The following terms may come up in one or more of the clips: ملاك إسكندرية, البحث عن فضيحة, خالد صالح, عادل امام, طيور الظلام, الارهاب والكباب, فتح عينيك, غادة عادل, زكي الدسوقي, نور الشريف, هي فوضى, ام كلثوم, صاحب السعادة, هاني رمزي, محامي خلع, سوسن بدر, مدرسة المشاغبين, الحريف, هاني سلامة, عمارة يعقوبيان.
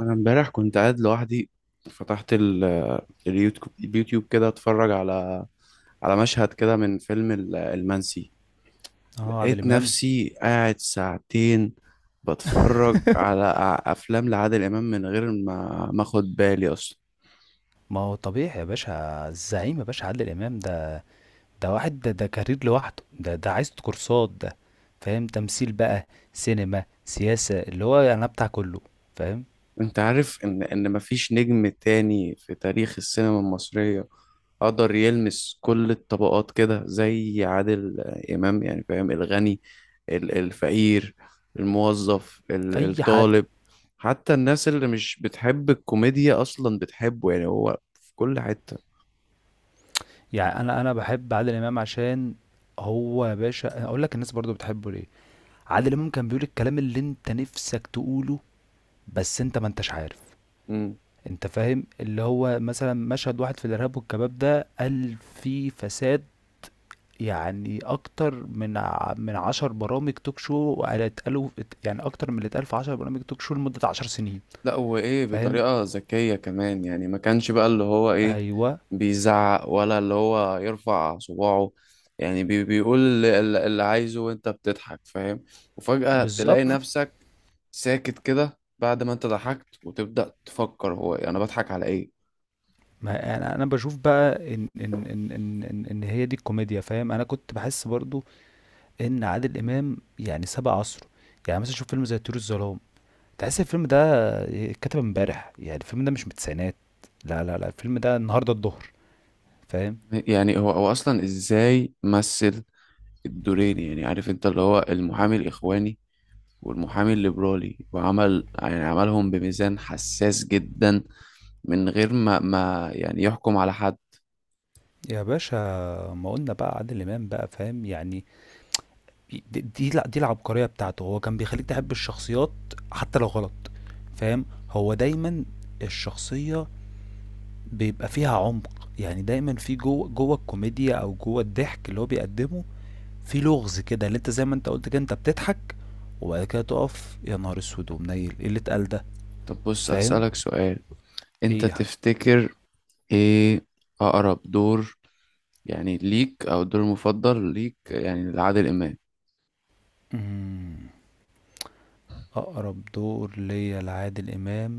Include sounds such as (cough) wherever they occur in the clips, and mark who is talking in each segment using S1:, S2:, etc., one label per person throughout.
S1: انا امبارح كنت قاعد لوحدي. فتحت اليوتيوب، كده اتفرج على مشهد كده من فيلم المنسي.
S2: اه، عادل
S1: لقيت
S2: امام.
S1: نفسي قاعد ساعتين بتفرج على افلام لعادل امام من غير ما اخد بالي اصلا.
S2: ما هو طبيعي يا باشا، الزعيم يا باشا، عادل امام ده. ده واحد، ده كارير لوحده، ده عايز كورسات ده. فاهم؟ تمثيل بقى، سينما، سياسة، اللي هو يعني أنا بتاع كله. فاهم؟
S1: انت عارف ان مفيش نجم تاني في تاريخ السينما المصرية قدر يلمس كل الطبقات كده زي عادل امام، يعني فاهم، الغني، الفقير، الموظف،
S2: اي حد.
S1: الطالب. حتى الناس اللي مش بتحب الكوميديا اصلا بتحبه، يعني هو في كل حتة.
S2: يعني انا بحب عادل امام. عشان هو يا باشا اقول لك الناس برضو بتحبه ليه، عادل امام كان بيقول الكلام اللي انت نفسك تقوله، بس انت ما انتش عارف. انت فاهم؟ اللي هو مثلا مشهد واحد في الارهاب والكباب ده قال فيه فساد يعني أكتر من من عشر برامج توك شو اتقالوا. يعني أكتر من اللي اتقال في عشر برامج توك شو لمدة عشر سنين.
S1: لا هو ايه،
S2: فاهم؟
S1: بطريقة ذكية كمان، يعني ما كانش بقى اللي هو ايه
S2: أيوه،
S1: بيزعق ولا اللي هو يرفع صباعه. يعني بيقول اللي عايزه وانت بتضحك، فاهم. وفجأة تلاقي
S2: بالظبط.
S1: نفسك ساكت كده بعد ما انت ضحكت وتبدأ تفكر هو انا يعني بضحك على ايه.
S2: ما يعني أنا بشوف بقى إن هي دي الكوميديا. فاهم؟ أنا كنت بحس برضو إن عادل إمام يعني سبق عصره. يعني مثلا شوف فيلم زي طيور الظلام، تحس الفيلم ده اتكتب امبارح. يعني الفيلم ده مش من التسعينات، لا لا لا، الفيلم ده النهارده الظهر. فاهم؟
S1: يعني هو اصلا ازاي مثل الدورين، يعني عارف انت اللي هو المحامي الاخواني والمحامي الليبرالي، وعمل يعني عملهم بميزان حساس جدا من غير ما يعني يحكم على حد.
S2: يا باشا، ما قلنا بقى عادل امام بقى، فاهم يعني؟ دي العبقرية بتاعته، هو كان بيخليك تحب الشخصيات حتى لو غلط. فاهم؟ هو دايما الشخصية بيبقى فيها عمق. يعني دايما في جوه جوه الكوميديا او جوه الضحك اللي هو بيقدمه في لغز كده، اللي انت زي ما انت قلت كده انت بتضحك وبعد كده تقف يا نهار اسود ومنيل، ايه اللي اتقال ده؟
S1: طب بص
S2: فاهم؟
S1: أسألك سؤال، أنت
S2: ايه يا حاج؟
S1: تفتكر إيه أقرب دور يعني ليك أو الدور المفضل ليك يعني لعادل إمام؟
S2: مم. اقرب دور ليا لعادل امام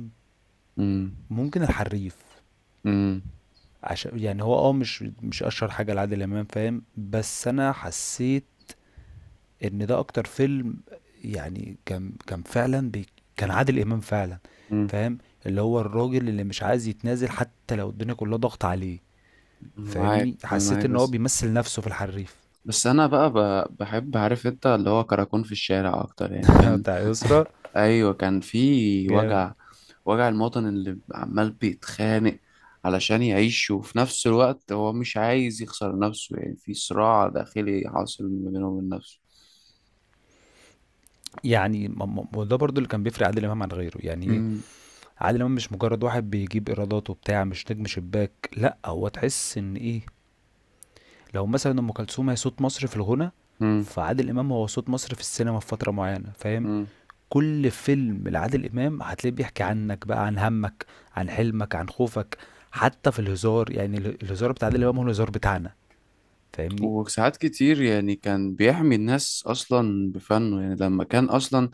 S1: امم
S2: ممكن الحريف.
S1: امم
S2: عشان يعني هو اه، مش مش اشهر حاجه لعادل امام، فاهم؟ بس انا حسيت ان ده اكتر فيلم، يعني كان كان فعلا بي، كان عادل امام فعلا.
S1: امم
S2: فاهم؟ اللي هو الراجل اللي مش عايز يتنازل حتى لو الدنيا كلها ضغط عليه.
S1: أنا معاك،
S2: فاهمني؟
S1: أنا
S2: حسيت
S1: معاك،
S2: ان هو
S1: بس
S2: بيمثل نفسه في الحريف.
S1: بس أنا بقى بحب، عارف أنت، اللي هو كراكون في الشارع أكتر، يعني
S2: (laughs)
S1: كان.
S2: بتاع يسرا.
S1: أيوه، كان في
S2: جامد.
S1: وجع، وجع المواطن اللي عمال بيتخانق علشان يعيش، وفي نفس الوقت هو مش عايز يخسر نفسه، يعني في صراع داخلي حاصل ما بينه وبين نفسه.
S2: يعني ما- ما- ما ده برضو اللي كان بيفرق عادل امام عن غيره. يعني ايه؟
S1: مم.
S2: عادل امام مش مجرد واحد بيجيب ايرادات وبتاع، مش نجم شباك، لا، هو تحس ان ايه، لو مثلا ام كلثوم هي صوت مصر في الغنى،
S1: مم.
S2: فعادل امام هو صوت مصر في السينما في فتره معينه. فاهم؟
S1: مم.
S2: كل فيلم لعادل امام هتلاقيه بيحكي عنك بقى، عن همك، عن حلمك، عن خوفك. حتى في الهزار، يعني الهزار بتاع عادل امام هو الهزار بتاعنا. فاهمني؟
S1: وساعات كتير يعني كان بيحمي الناس أصلا بفنه. يعني لما كان أصلا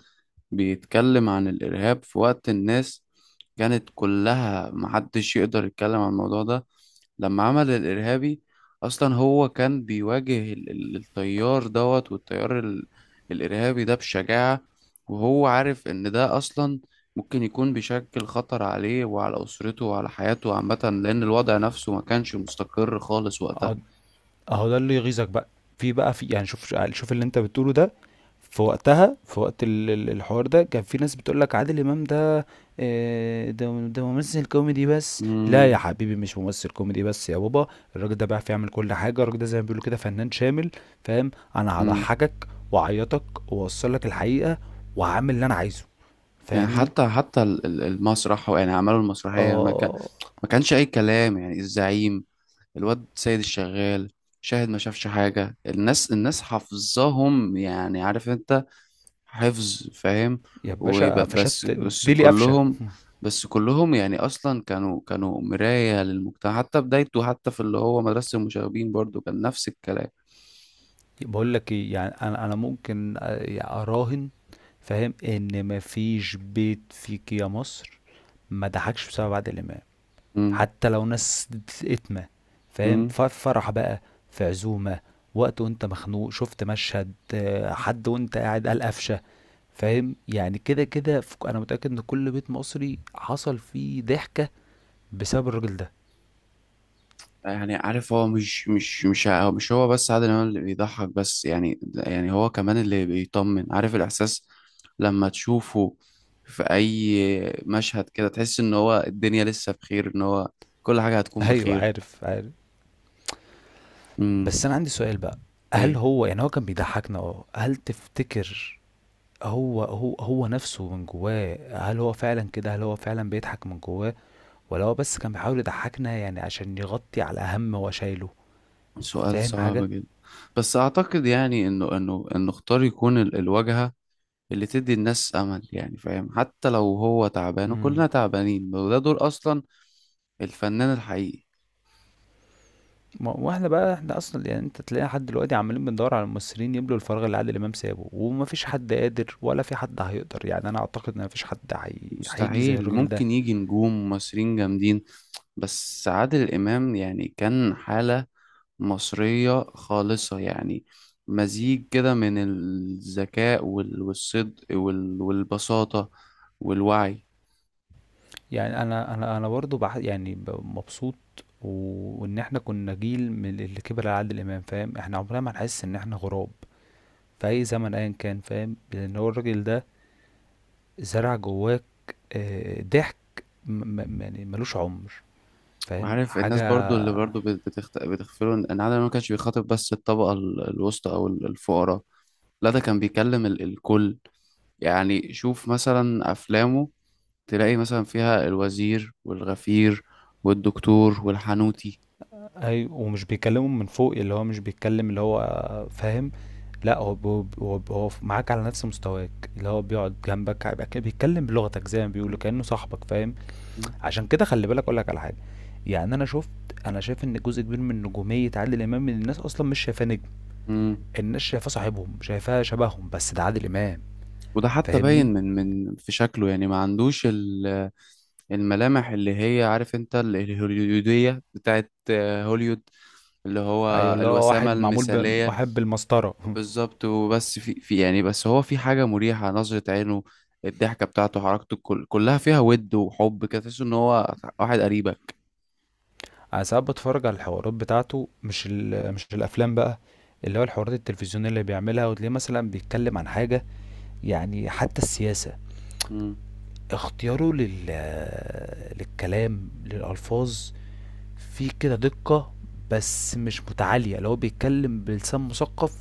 S1: بيتكلم عن الإرهاب في وقت الناس كانت كلها محدش يقدر يتكلم عن الموضوع ده. لما عمل الإرهابي، أصلا هو كان بيواجه التيار دوت والتيار الإرهابي ده بشجاعة، وهو عارف إن ده أصلا ممكن يكون بيشكل خطر عليه وعلى أسرته وعلى حياته عامة، لأن الوضع نفسه ما كانش مستقر خالص وقتها.
S2: اه، اهو ده اللي يغيظك بقى. في بقى في، يعني شوف شوف اللي انت بتقوله ده، في وقتها، في وقت الحوار ده كان في ناس بتقول لك عادل امام ده آه، ده ممثل كوميدي بس. لا يا
S1: امم
S2: حبيبي، مش ممثل كوميدي بس يا بابا، الراجل ده بيعرف يعمل كل حاجه، الراجل ده زي ما بيقولوا كده فنان شامل. فاهم؟ انا
S1: امم
S2: هضحكك واعيطك واوصل لك الحقيقه وهعمل اللي انا عايزه.
S1: يعني
S2: فاهمني؟
S1: حتى المسرح، يعني عملوا المسرحية، ما كان،
S2: اه
S1: ما كانش أي كلام، يعني الزعيم، الواد سيد الشغال، شاهد ما شافش حاجة، الناس حافظاهم يعني، عارف انت، حفظ، فاهم.
S2: يا باشا،
S1: وبس
S2: فشت
S1: بس
S2: ديلي قفشه.
S1: كلهم، يعني اصلا كانوا مراية للمجتمع حتى بدايته، حتى في اللي هو مدرسة المشاغبين برضو كان نفس الكلام.
S2: بقول لك ايه، يعني انا ممكن آه، اراهن، فاهم، ان مفيش بيت فيك يا مصر ما ضحكش بسبب عادل امام.
S1: امم
S2: حتى لو ناس اتمه. فاهم؟
S1: امم
S2: في فرح بقى، في عزومه، وقت وانت مخنوق شفت مشهد آه، حد وانت قاعد قال قفشه. فاهم؟ يعني كده كده انا متاكد ان كل بيت مصري حصل فيه ضحكه بسبب الراجل ده.
S1: يعني عارف، هو مش مش مش هو- مش هو بس عادل امام اللي بيضحك بس؟ يعني يعني هو كمان اللي بيطمن، عارف الاحساس لما تشوفه في اي مشهد كده، تحس ان هو الدنيا لسه بخير، ان هو كل حاجة
S2: (laughs)
S1: هتكون
S2: ايوه،
S1: بخير.
S2: عارف عارف.
S1: امم.
S2: بس انا عندي سؤال بقى، هل هو يعني هو كان بيضحكنا؟ اه، هل تفتكر هو نفسه من جواه هل هو فعلا كده، هل هو فعلا بيضحك من جواه، ولا هو بس كان بيحاول يضحكنا يعني عشان يغطي على هم هو شايله؟
S1: سؤال
S2: فاهم
S1: صعب
S2: حاجة؟
S1: جدا، بس اعتقد يعني انه اختار يكون الواجهة اللي تدي الناس امل، يعني فاهم، حتى لو هو تعبان
S2: امم.
S1: وكلنا تعبانين، وده دور اصلا الفنان الحقيقي.
S2: واحنا بقى احنا اصلا، يعني انت تلاقي حد دلوقتي عمالين بندور على الممثلين يملوا الفراغ اللي عادل امام سابه ومفيش حد قادر ولا في حد هيقدر. يعني انا اعتقد ان مفيش حد هيجي زي
S1: مستحيل،
S2: الراجل ده.
S1: ممكن يجي نجوم مصريين جامدين، بس عادل امام يعني كان حالة مصرية خالصة، يعني مزيج كده من الذكاء والصدق والبساطة والوعي.
S2: يعني انا برضه يعني مبسوط وان احنا كنا جيل من اللي كبر على عادل امام. فاهم؟ احنا عمرنا ما هنحس ان احنا غراب في اي زمن ايا كان. فاهم؟ لان هو الراجل ده زرع جواك آه، ضحك يعني ملوش عمر. فاهم
S1: وعارف الناس
S2: حاجة؟
S1: برضو اللي برضو بتغفله ان إن عادل إمام ما كانش بيخاطب بس الطبقة الوسطى او الفقراء، لا ده كان بيكلم الكل. يعني شوف مثلا افلامه، تلاقي مثلا فيها الوزير والغفير والدكتور والحانوتي.
S2: أي، ومش بيكلمهم من فوق، اللي هو مش بيتكلم اللي هو آه، فاهم؟ لا، هو هو معاك على نفس مستواك، اللي هو بيقعد جنبك هيبقى كده بيتكلم بلغتك زي ما بيقولوا
S1: مم.
S2: كأنه صاحبك. فاهم؟
S1: مم.
S2: عشان كده خلي بالك اقول لك على حاجة، يعني انا شفت، انا شايف ان جزء كبير من نجومية عادل امام الناس اصلا مش شايفاه نجم،
S1: مم.
S2: الناس شايفاه صاحبهم، شايفاه شبههم، بس ده عادل امام.
S1: وده حتى
S2: فاهمني؟
S1: باين من في شكله، يعني ما عندوش الملامح اللي هي عارف انت الهوليودية بتاعت آه، هوليود اللي هو
S2: أيوه، اللي هو
S1: الوسامة
S2: واحد معمول ب
S1: المثالية.
S2: واحد بالمسطرة. (laughs)
S1: بالظبط. وبس في في يعني، بس هو في حاجة مريحة، نظرة عينه، الضحكة بتاعته، حركته، كل كلها فيها ود وحب كده، تحس ان هو واحد قريبك.
S2: أنا ساعات باتفرج على الحوارات بتاعته، مش مش الأفلام بقى، اللي هو الحوارات التلفزيونية اللي بيعملها، وتلاقيه مثلا بيتكلم عن حاجة يعني حتى السياسة،
S1: مم.
S2: اختياره للكلام، للألفاظ، فيه كده دقة، بس مش متعالية، اللي هو بيتكلم بلسان مثقف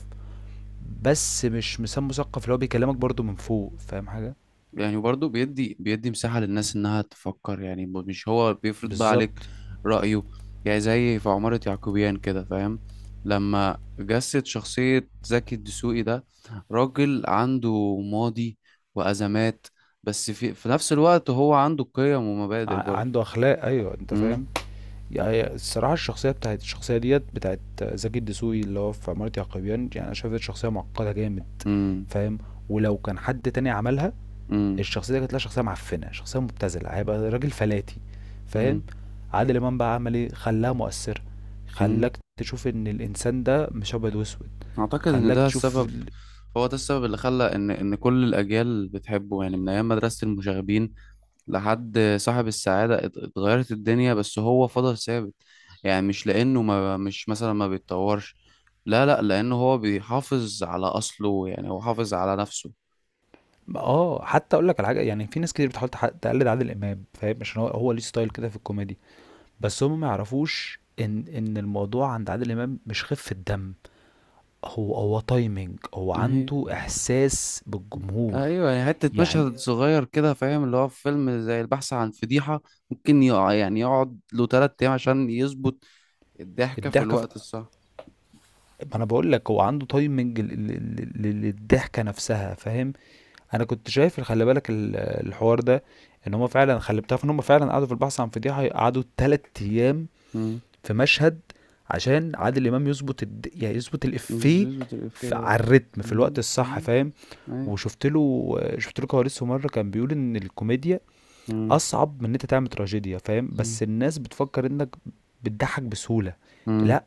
S2: بس مش لسان مثقف اللي هو بيكلمك برضه من فوق. فاهم حاجة؟
S1: يعني برضه بيدي مساحة للناس انها تفكر، يعني مش هو بيفرض بقى عليك
S2: بالظبط.
S1: رأيه. يعني زي في عمارة يعقوبيان كده، فاهم، لما جسد شخصية زكي الدسوقي ده، راجل عنده ماضي وأزمات، بس في في نفس الوقت هو عنده قيم ومبادئ
S2: ع-
S1: برضه.
S2: عنده أخلاق، أيوه، أنت
S1: مم.
S2: فاهم. يعني الصراحة الشخصية بتاعت الشخصية ديت بتاعت زكي الدسوقي اللي هو في عمارة يعقوبيان، يعني أنا شايف ديت شخصية معقدة جامد.
S1: مم.
S2: فاهم؟ ولو كان حد تاني عملها
S1: امم
S2: الشخصية دي كانت لها شخصية معفنة، شخصية مبتذلة، هيبقى راجل فلاتي. فاهم؟
S1: امم
S2: عادل إمام بقى عمل ايه؟ خلاها مؤثرة.
S1: امم
S2: خلاك تشوف ان الانسان ده مش ابيض واسود.
S1: اعتقد ان
S2: خلاك
S1: ده
S2: تشوف
S1: السبب، هو ده السبب اللي خلى ان كل الاجيال بتحبه. يعني من ايام مدرسة المشاغبين لحد صاحب السعادة اتغيرت الدنيا، بس هو فضل ثابت. يعني مش لانه ما مش مثلا ما بيتطورش، لا لانه هو بيحافظ على اصله، يعني هو حافظ على نفسه.
S2: اه، حتى اقول لك على حاجه، يعني في ناس كتير بتحاول تقلد عادل امام. فاهم؟ عشان هو ليه ستايل كده في الكوميدي، بس هم ما يعرفوش ان الموضوع عند عادل امام مش خفه دم، هو تايمنج، هو
S1: هي.
S2: عنده احساس بالجمهور.
S1: ايوه، يعني حته
S2: يعني
S1: مشهد صغير كده فاهم، اللي هو في فيلم زي البحث عن فضيحه، ممكن يقع يعني يقعد له 3 ايام عشان يظبط الضحكة في
S2: الضحكه في...
S1: الوقت الصح.
S2: ما انا بقول لك هو عنده تايمنج للضحكه نفسها. فاهم؟ انا كنت شايف، خلي بالك الحوار ده، ان هم فعلا، خلي بتعرف ان هم فعلا قعدوا في البحث عن فضيحه قعدوا تلات ايام
S1: مم.
S2: في مشهد عشان عادل امام يظبط يعني يظبط
S1: مش
S2: الافيه،
S1: بيظبط الإفيه ده.
S2: على الريتم في الوقت
S1: مم.
S2: الصح.
S1: مم.
S2: فاهم؟
S1: أي.
S2: وشفت له، شفت له كواليسه مره كان بيقول ان الكوميديا
S1: مم.
S2: أصعب من إن أنت تعمل تراجيديا. فاهم؟
S1: مم.
S2: بس الناس بتفكر إنك بتضحك بسهولة.
S1: مم.
S2: لأ،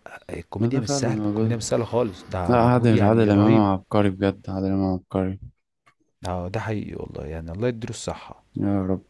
S1: لا
S2: الكوميديا
S1: ده
S2: مش
S1: فعلا
S2: سهلة،
S1: موجود.
S2: الكوميديا مش سهلة خالص،
S1: لا،
S2: ده مجهود
S1: عادل، عادل
S2: يعني
S1: إمام
S2: رهيب.
S1: عبقري بجد، عادل إمام عبقري.
S2: آه، ده حقيقي والله، يعني الله يديله الصحة.
S1: يا رب.